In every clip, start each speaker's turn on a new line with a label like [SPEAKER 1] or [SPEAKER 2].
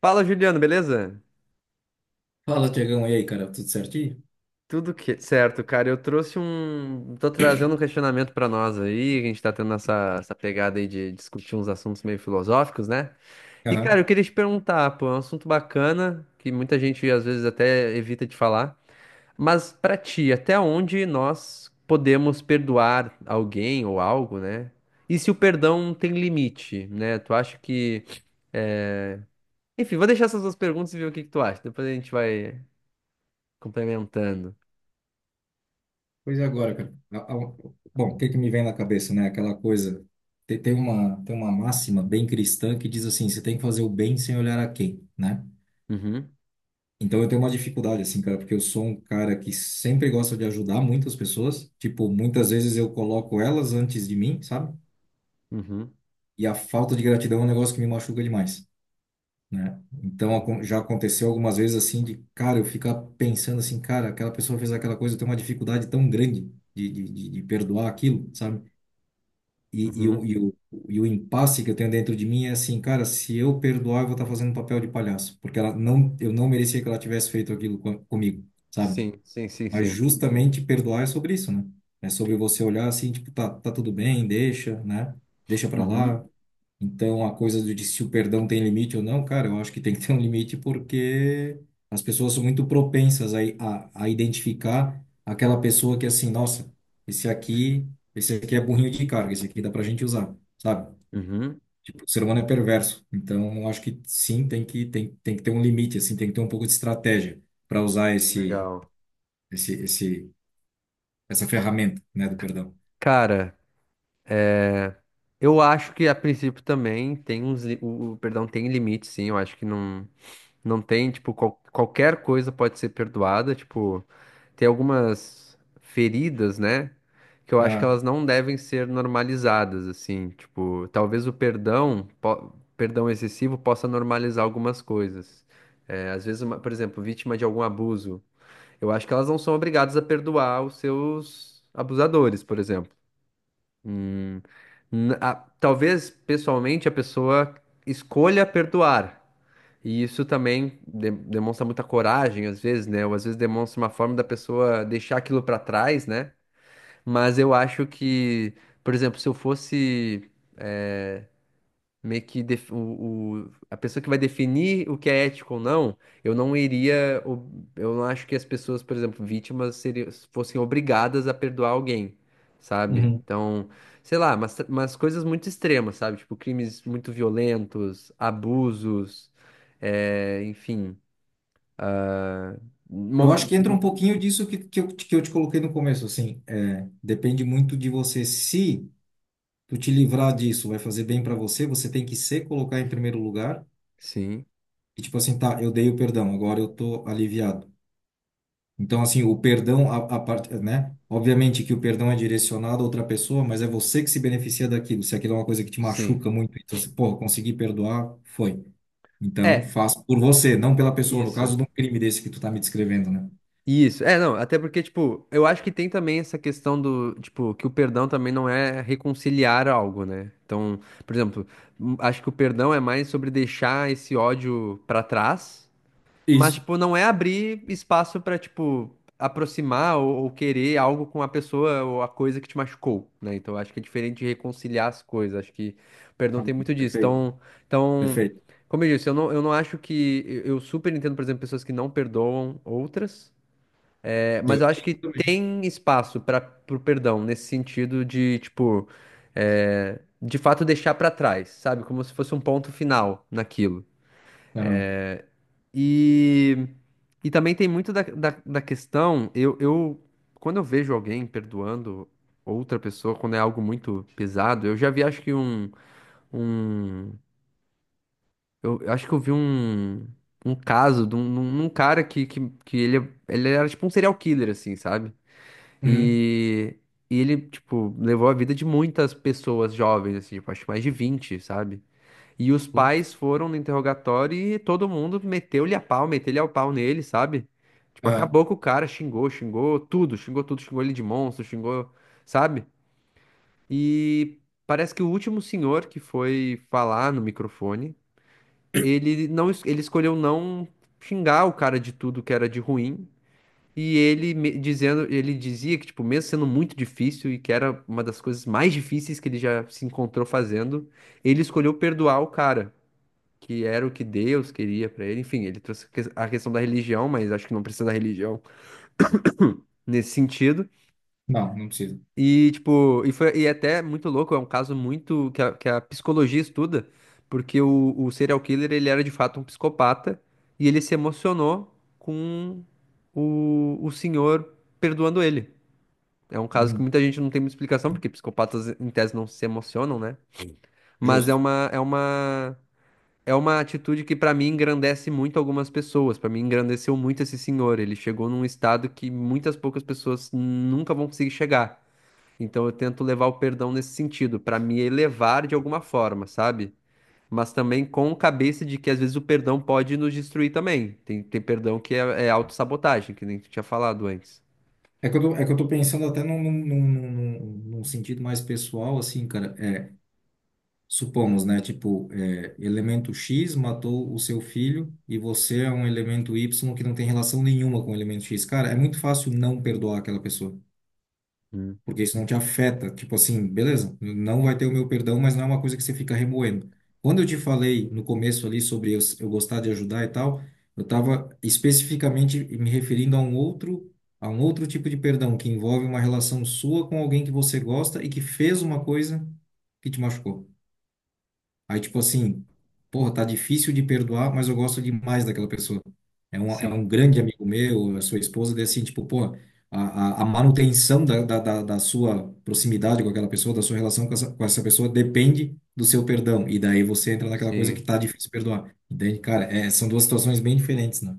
[SPEAKER 1] Fala, Juliano, beleza?
[SPEAKER 2] Fala, Tiagão, e aí, cara, tudo certinho?
[SPEAKER 1] Certo, cara. Eu trouxe um. Tô trazendo um questionamento pra nós aí. A gente tá tendo essa pegada aí de discutir uns assuntos meio filosóficos, né? E, cara,
[SPEAKER 2] Aham.
[SPEAKER 1] eu queria te perguntar, pô, é um assunto bacana que muita gente às vezes até evita de falar. Mas pra ti, até onde nós podemos perdoar alguém ou algo, né? E se o perdão tem limite, né? Tu acha que. É, Enfim, vou deixar essas duas perguntas e ver o que que tu acha. Depois a gente vai complementando.
[SPEAKER 2] Pois é, agora, cara. Bom, o que que me vem na cabeça, né? Aquela coisa. Tem uma máxima bem cristã que diz assim: você tem que fazer o bem sem olhar a quem, né?
[SPEAKER 1] Uhum,
[SPEAKER 2] Então eu tenho uma dificuldade, assim, cara, porque eu sou um cara que sempre gosta de ajudar muitas pessoas. Tipo, muitas vezes eu coloco elas antes de mim, sabe?
[SPEAKER 1] uhum,
[SPEAKER 2] E a falta de gratidão é um negócio que me machuca demais, né? Então
[SPEAKER 1] uhum,
[SPEAKER 2] já aconteceu algumas vezes assim de, cara, eu ficar pensando assim, cara, aquela pessoa fez aquela coisa, eu tenho uma dificuldade tão grande de perdoar aquilo, sabe? E, e,
[SPEAKER 1] uhum.
[SPEAKER 2] o, e, o, e o impasse que eu tenho dentro de mim é assim, cara, se eu perdoar, eu vou estar fazendo um papel de palhaço, porque ela não, eu não merecia que ela tivesse feito aquilo com comigo, sabe?
[SPEAKER 1] Sim, sim, sim,
[SPEAKER 2] Mas
[SPEAKER 1] sim.
[SPEAKER 2] justamente perdoar é sobre isso, né? É sobre você olhar assim, tipo, tá, tá tudo bem, deixa, né? Deixa pra lá,
[SPEAKER 1] Uhum,
[SPEAKER 2] então, a de se o perdão tem limite ou não, cara, eu acho que tem que ter um limite porque as pessoas são muito propensas a identificar aquela pessoa que, é assim, nossa, esse aqui, esse aqui é burrinho de carga, esse aqui dá pra gente usar, sabe?
[SPEAKER 1] uhum.
[SPEAKER 2] Tipo, o ser humano é perverso. Então, eu acho que sim, tem que ter um limite, assim, tem que ter um pouco de estratégia para usar
[SPEAKER 1] Legal.
[SPEAKER 2] esse, esse, essa ferramenta, né, do perdão.
[SPEAKER 1] Cara, eu acho que a princípio também o perdão tem limite, sim. Eu acho que não tem, tipo, qualquer coisa pode ser perdoada. Tipo, tem algumas feridas, né? Que eu acho que
[SPEAKER 2] Ah,
[SPEAKER 1] elas não devem ser normalizadas, assim. Tipo, talvez perdão excessivo possa normalizar algumas coisas. É, às vezes, por exemplo, vítima de algum abuso. Eu acho que elas não são obrigadas a perdoar os seus abusadores, por exemplo. Hum, Talvez, pessoalmente, a pessoa escolha perdoar. E isso também demonstra muita coragem, às vezes, né? Ou às vezes demonstra uma forma da pessoa deixar aquilo pra trás, né? Mas eu acho que, por exemplo, se eu fosse a pessoa que vai definir o que é ético ou não, eu não acho que as pessoas, por exemplo, vítimas fossem obrigadas a perdoar alguém, sabe?
[SPEAKER 2] uhum.
[SPEAKER 1] Então, sei lá, mas coisas muito extremas, sabe? Tipo, crimes muito violentos, abusos, é, enfim,
[SPEAKER 2] Eu acho
[SPEAKER 1] mo-
[SPEAKER 2] que entra um
[SPEAKER 1] tipo,
[SPEAKER 2] pouquinho disso que eu te coloquei no começo, assim, é, depende muito de você. Se tu te livrar disso, vai fazer bem para você, você tem que se colocar em primeiro lugar
[SPEAKER 1] sim,
[SPEAKER 2] e tipo assim, tá, eu dei o perdão, agora eu tô aliviado. Então, assim, o perdão, a parte, né? Obviamente que o perdão é direcionado a outra pessoa, mas é você que se beneficia daquilo. Se aquilo é uma coisa que te
[SPEAKER 1] sim.
[SPEAKER 2] machuca muito, então, se, pô, consegui perdoar, foi. Então,
[SPEAKER 1] É,
[SPEAKER 2] faz por você, não pela pessoa, no
[SPEAKER 1] isso.
[SPEAKER 2] caso de um crime desse que tu tá me descrevendo, né?
[SPEAKER 1] Isso, é, não, até porque, tipo, eu acho que tem também essa questão do, tipo, que o perdão também não é reconciliar algo, né? Então, por exemplo, acho que o perdão é mais sobre deixar esse ódio pra trás, mas,
[SPEAKER 2] Isso.
[SPEAKER 1] tipo, não é abrir espaço pra, tipo, aproximar ou querer algo com a pessoa ou a coisa que te machucou, né? Então, acho que é diferente de reconciliar as coisas, acho que o
[SPEAKER 2] Tá.
[SPEAKER 1] perdão tem muito disso.
[SPEAKER 2] Perfeito.
[SPEAKER 1] Então, então,
[SPEAKER 2] Perfeito.
[SPEAKER 1] como eu disse, eu não acho que. Eu super entendo, por exemplo, pessoas que não perdoam outras. É,
[SPEAKER 2] Eu
[SPEAKER 1] mas eu acho que
[SPEAKER 2] entendo também.
[SPEAKER 1] tem espaço para pro perdão nesse sentido de, tipo, é, de fato deixar para trás, sabe? Como se fosse um ponto final naquilo.
[SPEAKER 2] Aham.
[SPEAKER 1] E, e também tem muito da questão, quando eu vejo alguém perdoando outra pessoa, quando é algo muito pesado, eu já vi, acho que um, eu acho que eu vi um caso de um cara que ele era tipo um serial killer, assim, sabe?
[SPEAKER 2] Uhum.
[SPEAKER 1] E, e ele, tipo, levou a vida de muitas pessoas jovens, assim, tipo, acho que mais de 20, sabe? E os
[SPEAKER 2] Putz.
[SPEAKER 1] pais foram no interrogatório e todo mundo meteu-lhe a pau, meteu-lhe ao pau nele, sabe? Tipo,
[SPEAKER 2] Aham.
[SPEAKER 1] acabou com o cara, xingou, xingou tudo, xingou ele de monstro, xingou, sabe? E parece que o último senhor que foi falar no microfone, ele escolheu não xingar o cara de tudo que era de ruim e ele dizia que, tipo, mesmo sendo muito difícil e que era uma das coisas mais difíceis que ele já se encontrou fazendo, ele escolheu perdoar o cara, que era o que Deus queria pra ele. Enfim, ele trouxe a a questão da religião, mas acho que não precisa da religião nesse sentido.
[SPEAKER 2] Não, não precisa.
[SPEAKER 1] E, tipo, e foi, e é até muito louco, é um caso muito que que a psicologia estuda, porque o serial killer, ele era de fato um psicopata e ele se emocionou com o senhor perdoando ele. É um caso que
[SPEAKER 2] Uhum.
[SPEAKER 1] muita gente não tem muita explicação, porque psicopatas, em tese, não se emocionam, né? Mas é
[SPEAKER 2] Justo.
[SPEAKER 1] uma, é uma, É uma atitude que, pra mim, engrandece muito algumas pessoas. Pra mim, engrandeceu muito esse senhor. Ele chegou num estado que muitas poucas pessoas nunca vão conseguir chegar. Então, eu tento levar o perdão nesse sentido, pra me elevar de alguma forma, sabe? Mas também com cabeça de que, às vezes, o perdão pode nos destruir também. Tem perdão que é autossabotagem, que nem tu tinha falado antes.
[SPEAKER 2] É que eu tô pensando até num sentido mais pessoal, assim, cara. É, supomos, né? Tipo, é, elemento X matou o seu filho e você é um elemento Y que não tem relação nenhuma com o elemento X. Cara, é muito fácil não perdoar aquela pessoa,
[SPEAKER 1] Hum,
[SPEAKER 2] porque isso não te afeta. Tipo assim, beleza, não vai ter o meu perdão, mas não é uma coisa que você fica remoendo. Quando eu te falei no começo ali sobre eu gostar de ajudar e tal, eu estava especificamente me referindo a um outro tipo de perdão que envolve uma relação sua com alguém que você gosta e que fez uma coisa que te machucou. Aí, tipo assim, porra, tá difícil de perdoar, mas eu gosto demais daquela pessoa. É
[SPEAKER 1] Sim.
[SPEAKER 2] um grande amigo meu, a sua esposa, daí assim, tipo, porra, a a manutenção da sua proximidade com aquela pessoa, da sua relação com essa pessoa, depende do seu perdão. E daí você entra naquela coisa que
[SPEAKER 1] Sim,
[SPEAKER 2] tá difícil de perdoar. Entende? Cara, é, são duas situações bem diferentes, né?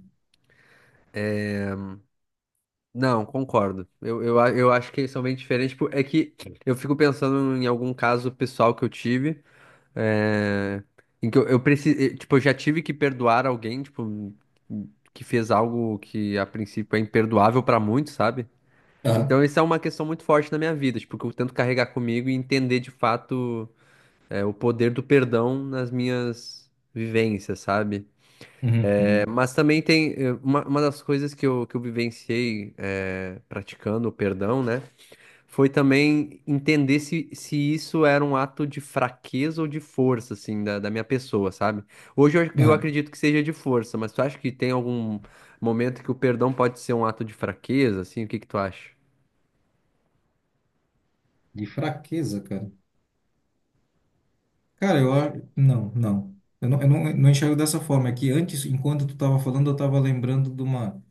[SPEAKER 1] não, concordo. Eu acho que eles são bem diferentes. Tipo, é que eu fico pensando em algum caso pessoal que eu tive, é, em que eu precisei, tipo, eu já tive que perdoar alguém, tipo, que fez algo que a princípio é imperdoável pra muitos, sabe? Então,
[SPEAKER 2] Aham.
[SPEAKER 1] isso é uma questão muito forte na minha vida, tipo, que eu tento carregar comigo e entender de fato, é, o poder do perdão nas minhas vivências, sabe?
[SPEAKER 2] Uhum, uhum.
[SPEAKER 1] Mas também tem eh, uma das coisas que eu vivenciei eh, praticando o perdão, né? Foi também entender se isso era um ato de fraqueza ou de força, assim, da minha pessoa, sabe? Hoje eu
[SPEAKER 2] Aham.
[SPEAKER 1] acredito que seja de força, mas tu acha que tem algum momento que o perdão pode ser um ato de fraqueza, assim? O que que tu acha?
[SPEAKER 2] De fraqueza, cara. Cara, eu acho. Não, não. Eu não, eu não, não enxergo dessa forma. É que antes, enquanto tu tava falando, eu tava lembrando de uma.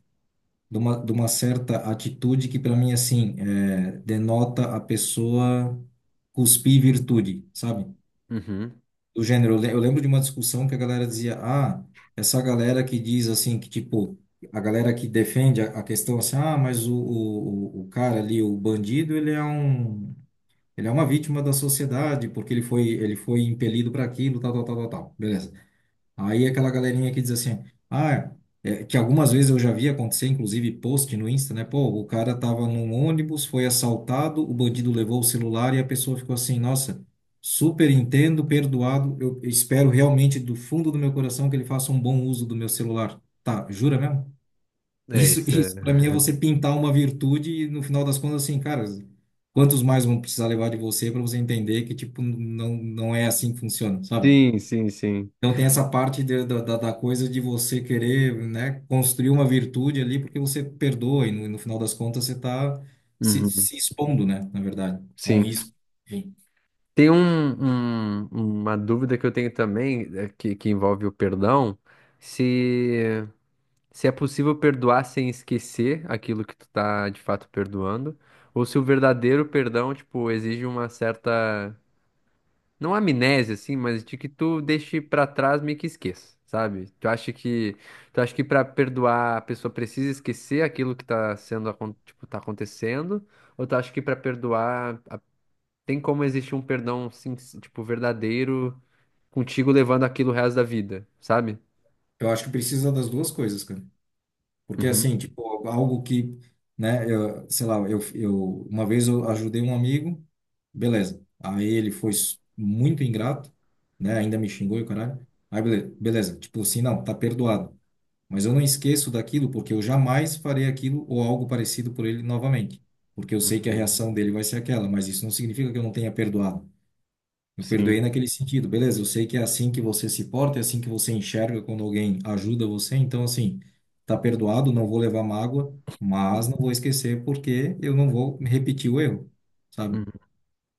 [SPEAKER 2] de uma, de uma certa atitude que para mim assim é, denota a pessoa cuspir virtude, sabe?
[SPEAKER 1] Uhum.
[SPEAKER 2] Do gênero, eu lembro de uma discussão que a galera dizia, ah, essa galera que diz assim que tipo a galera que defende a questão assim, ah, mas o cara ali, o bandido, ele é uma vítima da sociedade porque ele foi impelido para aquilo, tal, tal, tal, tal, tal. Beleza. Aí aquela galerinha que diz assim, ah, é, que algumas vezes eu já vi acontecer, inclusive post no Insta, né? Pô, o cara tava num ônibus, foi assaltado, o bandido levou o celular e a pessoa ficou assim, nossa, super entendo, perdoado, eu espero realmente do fundo do meu coração que ele faça um bom uso do meu celular. Tá, jura mesmo?
[SPEAKER 1] É
[SPEAKER 2] Isso,
[SPEAKER 1] isso. É.
[SPEAKER 2] isso para mim é você pintar uma virtude e no final das contas assim, cara, quantos mais vão precisar levar de você para você entender que tipo não é assim que funciona, sabe?
[SPEAKER 1] Sim, sim, sim.
[SPEAKER 2] Então tem essa parte da coisa de você querer, né, construir uma virtude ali porque você perdoa e no final das contas você está se,
[SPEAKER 1] Uhum.
[SPEAKER 2] se expondo, né, na verdade, a um
[SPEAKER 1] Sim.
[SPEAKER 2] risco. Enfim,
[SPEAKER 1] Tem um, um- uma dúvida que eu tenho também, eh, que envolve o perdão, se, se é possível perdoar sem esquecer aquilo que tu tá de fato perdoando, ou se o verdadeiro perdão, tipo, exige uma certa, não amnésia, assim, mas de que tu deixe pra trás meio que esqueça, sabe? Tu acha que pra perdoar a pessoa precisa esquecer aquilo que tá sendo, tipo, tá acontecendo, ou tu acha que pra perdoar tem como existir um perdão, tipo, verdadeiro contigo levando aquilo o resto da vida, sabe?
[SPEAKER 2] eu acho que precisa das duas coisas, cara. Porque
[SPEAKER 1] Uhum,
[SPEAKER 2] assim, tipo, algo que, né, eu, sei lá, eu uma vez eu ajudei um amigo, beleza. Aí ele foi s- muito ingrato, né, ainda me xingou e o caralho. Aí beleza, beleza, tipo assim, não, tá perdoado. Mas eu não esqueço daquilo porque eu jamais farei aquilo ou algo parecido por ele novamente. Porque eu sei que a
[SPEAKER 1] uhum,
[SPEAKER 2] reação dele vai ser aquela, mas isso não significa que eu não tenha perdoado. Eu perdoei
[SPEAKER 1] sim,
[SPEAKER 2] naquele sentido, beleza? Eu sei que é assim que você se porta, é assim que você enxerga quando alguém ajuda você. Então, assim, tá perdoado, não vou levar mágoa, mas não vou esquecer porque eu não vou repetir o erro, sabe?
[SPEAKER 1] uhum,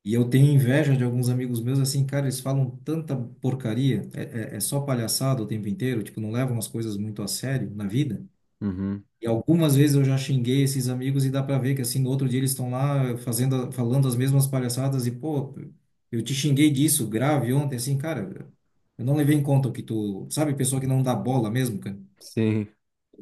[SPEAKER 2] E eu tenho inveja de alguns amigos meus, assim, cara, eles falam tanta porcaria, é só palhaçada o tempo inteiro, tipo, não levam as coisas muito a sério na vida.
[SPEAKER 1] uhum,
[SPEAKER 2] E algumas vezes eu já xinguei esses amigos e dá para ver que assim no outro dia eles estão lá falando as mesmas palhaçadas e pô, eu te xinguei disso grave ontem assim, cara, eu não levei em conta o que tu, sabe, pessoa que não dá bola mesmo, cara.
[SPEAKER 1] sim,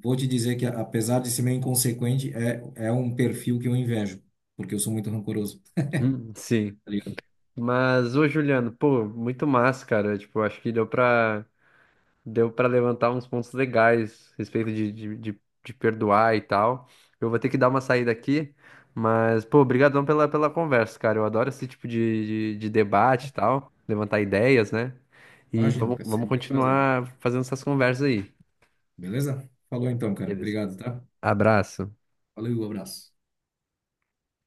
[SPEAKER 2] Vou te dizer que apesar de ser meio inconsequente, é um perfil que eu invejo, porque eu sou muito rancoroso,
[SPEAKER 1] hum, sim.
[SPEAKER 2] tá ligado?
[SPEAKER 1] Mas, ô Juliano, pô, muito massa, cara. Tipo, acho que deu pra. Deu pra levantar uns pontos legais a respeito de, de perdoar e tal. Eu vou ter que dar uma saída aqui, mas, pô, obrigadão pela, pela conversa, cara. Eu adoro esse tipo de, de debate e tal, levantar ideias, né? E
[SPEAKER 2] Imagino, que é
[SPEAKER 1] vamos
[SPEAKER 2] sempre é um prazer.
[SPEAKER 1] continuar fazendo essas conversas aí.
[SPEAKER 2] Beleza? Falou então, cara.
[SPEAKER 1] Beleza.
[SPEAKER 2] Obrigado, tá?
[SPEAKER 1] Abraço.
[SPEAKER 2] Valeu, abraço.